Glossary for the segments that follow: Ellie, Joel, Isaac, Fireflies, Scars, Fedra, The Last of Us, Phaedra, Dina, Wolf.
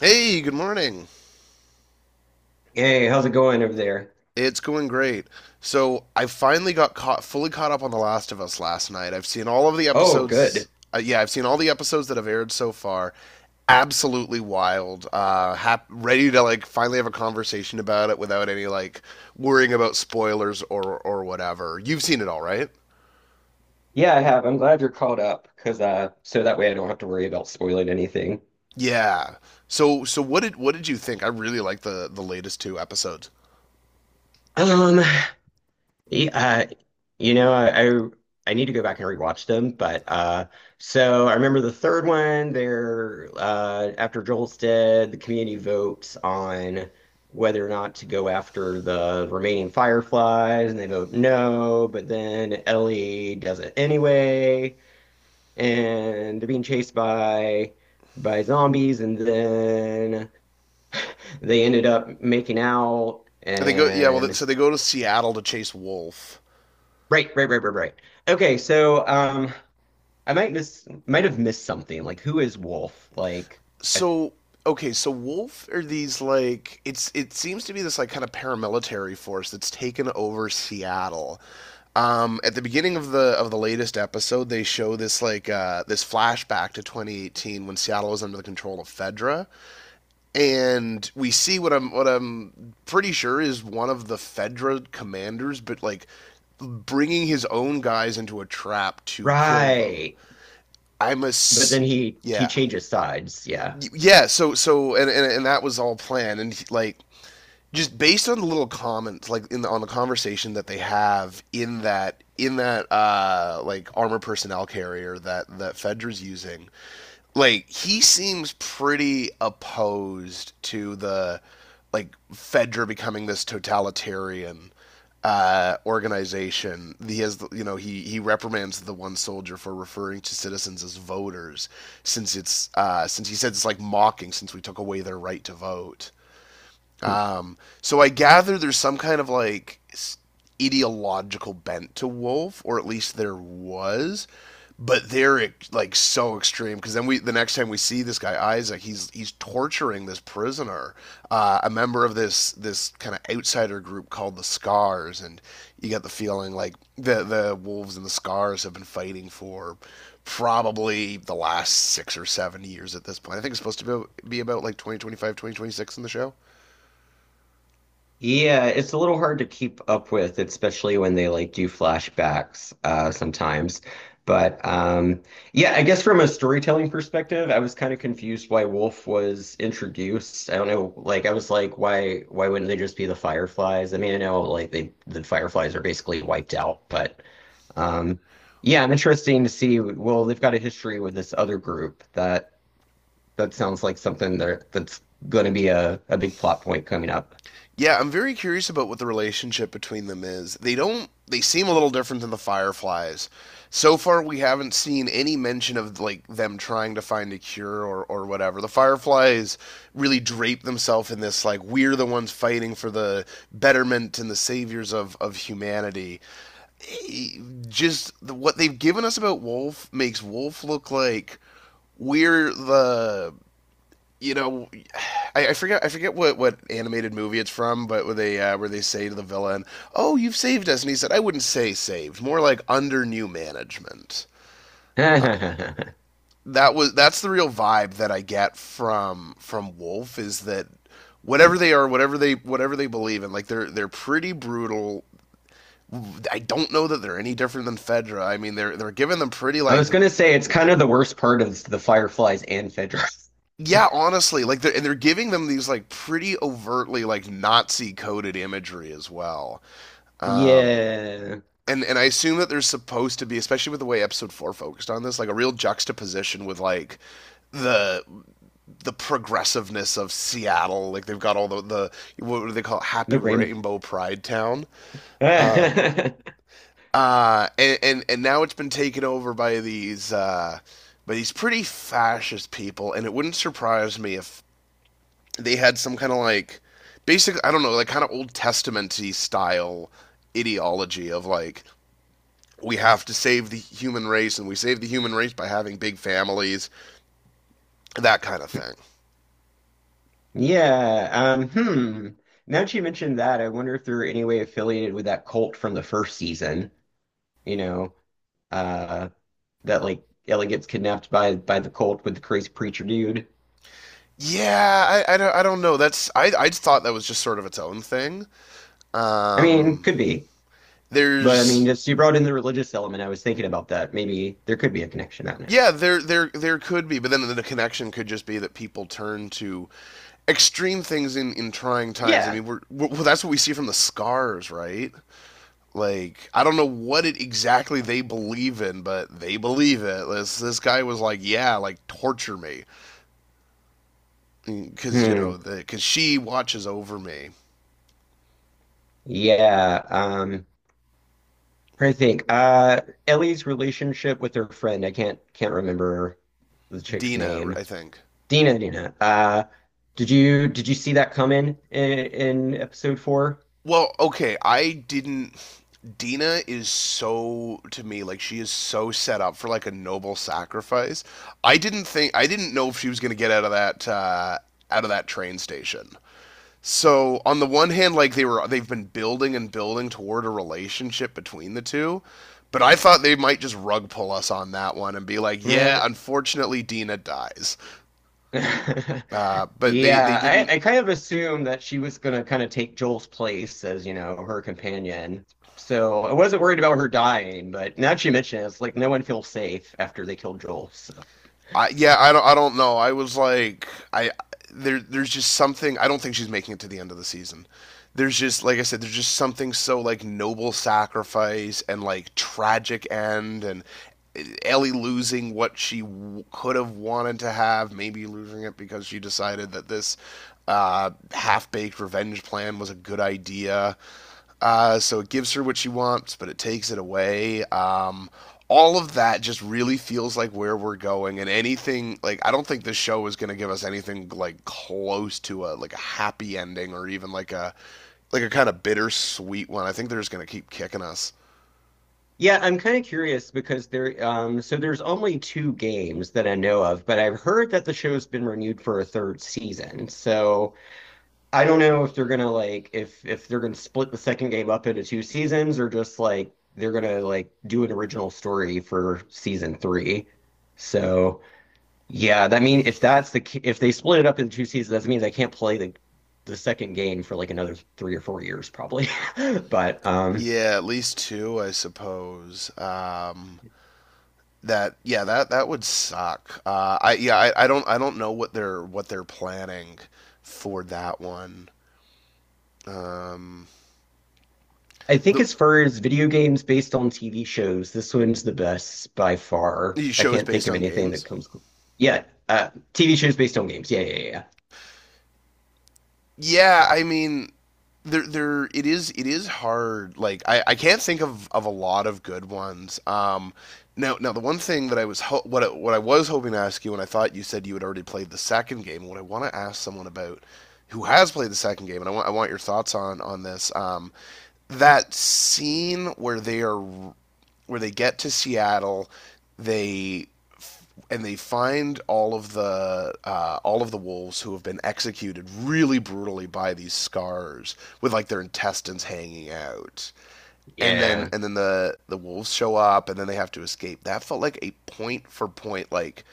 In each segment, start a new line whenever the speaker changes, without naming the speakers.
Hey, good morning.
Hey, how's it going over there?
It's going great. So I finally got caught fully caught up on The Last of Us last night. I've seen all of the
Oh,
episodes.
good.
Yeah, I've seen all the episodes that have aired so far. Absolutely wild. Ready to finally have a conversation about it without any worrying about spoilers or whatever. You've seen it all, right?
Yeah, I have. I'm glad you're caught up because so that way I don't have to worry about spoiling anything.
Yeah. So what did you think? I really like the latest two episodes.
Um, yeah, uh, you know, I, I need to go back and rewatch them, but so I remember the third one there after Joel's dead, the community votes on whether or not to go after the remaining Fireflies, and they vote no, but then Ellie does it anyway. And they're being chased by zombies, and then they ended up making out.
They go, yeah, well,
And
so they go to Seattle to chase Wolf.
right, right, right, right, right. Okay, I might have missed something. Like, who is Wolf? I,
So, okay, so, Wolf are these like it seems to be this like kind of paramilitary force that's taken over Seattle. At the beginning of the latest episode, they show this like this flashback to 2018 when Seattle was under the control of Fedra, and we see what I'm pretty sure is one of the Fedra commanders, but like bringing his own guys into a trap to kill them.
right,
I'm a
but then he
Yeah,
changes sides. Yeah.
and, and that was all planned and just based on the little comments in on the conversation that they have in that armor personnel carrier that Fedra's using. Like he seems pretty opposed to the like Fedra becoming this totalitarian organization. He has, you know, he reprimands the one soldier for referring to citizens as voters, since it's since he said it's like mocking, since we took away their right to vote.
Hmm.
So I gather there's some kind of like ideological bent to Wolf, or at least there was. But they're like so extreme because then we the next time we see this guy Isaac, he's torturing this prisoner, a member of this kind of outsider group called the Scars, and you get the feeling like the wolves and the Scars have been fighting for probably the last 6 or 7 years at this point. I think it's supposed to be about like 2025, 2026 in the show.
Yeah, it's a little hard to keep up with, especially when they like do flashbacks, sometimes. But yeah, I guess from a storytelling perspective, I was kind of confused why Wolf was introduced. I don't know, like I was like, why wouldn't they just be the Fireflies? I mean, I know like the Fireflies are basically wiped out, but um, yeah, I'm interesting to see. Well, they've got a history with this other group, that that sounds like something that that's going to be a big plot point coming up.
Yeah, I'm very curious about what the relationship between them is. They don't They seem a little different than the Fireflies. So far we haven't seen any mention of like them trying to find a cure or whatever. The Fireflies really drape themselves in this like we're the ones fighting for the betterment and the saviors of humanity. E- Just what they've given us about Wolf makes Wolf look like we're the you know, I forget what animated movie it's from, but where they say to the villain, "Oh, you've saved us," and he said, "I wouldn't say saved, more like under new management." That's the real vibe that I get from Wolf, is that whatever they are, whatever they believe in, like they're pretty brutal. I don't know that they're any different than Fedra. I mean, they're giving them pretty
I
like
was
you.
gonna say it's kind of the worst part is the fireflies and Phaedra.
Yeah, honestly, like they're giving them these like pretty overtly like Nazi coded imagery as well. Um
Yeah,
and I assume that there's supposed to be, especially with the way episode 4 focused on this, like a real juxtaposition with like the the progressiveness of Seattle. Like they've got all the what do they call it?
the
Happy
rim.
Rainbow Pride Town. And now it's been taken over by these pretty fascist people. And it wouldn't surprise me if they had some kind of like basic, I don't know, like kind of Old Testamenty style ideology of like we have to save the human race, and we save the human race by having big families, that kind of thing.
Yeah. Hmm. Now that you mentioned that, I wonder if they're any way affiliated with that cult from the first season. You know, uh, that like Ellie gets kidnapped by the cult with the crazy preacher dude.
Yeah, I don't know. That's I thought that was just sort of its own thing.
I mean,
Um,
could be, but I mean,
there's
just you brought in the religious element. I was thinking about that. Maybe there could be a connection. Out now.
Yeah, there there could be, but then the connection could just be that people turn to extreme things in trying times. I
Yeah.
mean, we, well, that's what we see from the scars, right? Like I don't know what it exactly they believe in, but they believe it. This guy was like, yeah, like torture me, because, you
Hmm.
know, because she watches over me.
Yeah. I think Ellie's relationship with her friend, I can't remember the chick's
Dina,
name.
I think.
Dina, Dina. Uh, did you see that coming in episode four?
Well, okay, I didn't. Dina is, so, to me like she is so set up for like a noble sacrifice. I didn't know if she was gonna get out of that train station. So on the one hand, like they've been building and building toward a relationship between the two. But I thought they might just rug pull us on that one and be like, "Yeah,
Eh.
unfortunately, Dina dies." But they
Yeah,
didn't.
I kind of assumed that she was gonna kind of take Joel's place as, you know, her companion. So I wasn't worried about her dying, but now that you mention it, it's like no one feels safe after they killed Joel. So
Yeah, I don't know. I was like, I there, there's just something. I don't think she's making it to the end of the season. There's just, like I said, there's just something so like noble sacrifice and like tragic end, and eh, Ellie losing what could have wanted to have, maybe losing it because she decided that this half-baked revenge plan was a good idea. So it gives her what she wants, but it takes it away. All of that just really feels like where we're going, and anything like I don't think this show is going to give us anything like close to a like a happy ending, or even like a kind of bittersweet one. I think they're just going to keep kicking us.
yeah, I'm kind of curious because so there's only two games that I know of, but I've heard that the show's been renewed for a third season. So I don't know if they're gonna like if they're gonna split the second game up into two seasons, or just like they're gonna like do an original story for season three. So yeah, that mean if that's if they split it up into two seasons, that means I can't play the second game for like another 3 or 4 years probably. But.
Yeah, at least two, I suppose. That yeah, that would suck. I yeah, I don't know what they're planning for that one. Um,
I think
the
as far as video games based on TV shows, this one's the best by far.
these
I
shows
can't think
based
of
on
anything that
games.
comes. Yeah, TV shows based on games. Yeah, yeah, yeah,
Yeah, I mean, it is, hard. I can't think of, a lot of good ones. Now the one thing that what what I was hoping to ask you, and I thought you said you had already played the second game. What I want to ask someone about who has played the second game, and I want your thoughts on this. That scene where they are where they get to Seattle, they and they find all of the wolves who have been executed really brutally by these scars with like their intestines hanging out, and then
yeah,
the wolves show up, and then they have to escape. That felt like a point for point like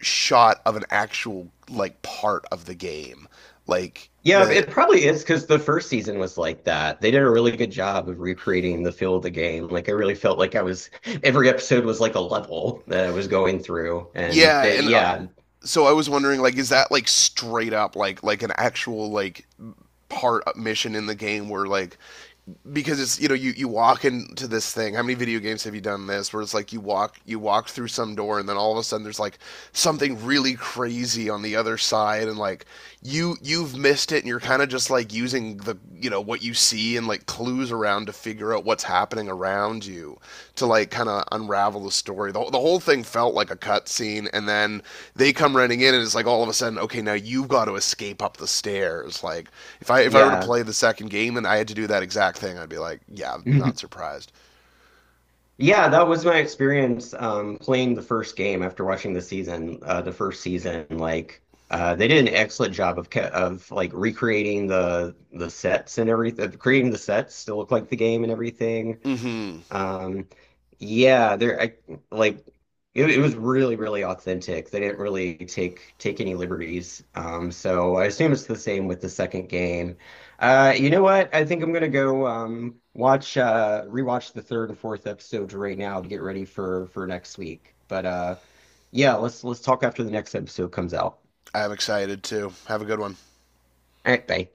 shot of an actual like part of the game, like
yeah.
the
It probably is because the first season was like that. They did a really good job of recreating the feel of the game. Like I really felt like I was every episode was like a level that I was going through, and
yeah.
that
And
yeah,
so I was wondering, like, is that like straight up like an actual like part mission in the game, where like because it's, you know, you walk into this thing. How many video games have you done this where it's like you walk through some door and then all of a sudden there's like something really crazy on the other side, and like you've missed it, and you're kind of just like using the, you know, what you see and like clues around to figure out what's happening around you, to like kind of unravel the story. The whole thing felt like a cutscene, and then they come running in, and it's like all of a sudden, okay, now you've got to escape up the stairs. Like if I were to
yeah.
play the second game and I had to do that exact thing, I'd be like, yeah, I'm not surprised.
Yeah, that was my experience playing the first game after watching the season, the first season. Like they did an excellent job of like recreating the sets and everything, creating the sets to look like the game and everything.
Mm-hmm.
Um, yeah, there I like it was really, really authentic. They didn't really take any liberties. So I assume it's the same with the second game. You know what? I think I'm gonna go watch rewatch the third and fourth episodes right now to get ready for next week. But yeah, let's talk after the next episode comes out.
I'm excited too. Have a good one.
All right, bye.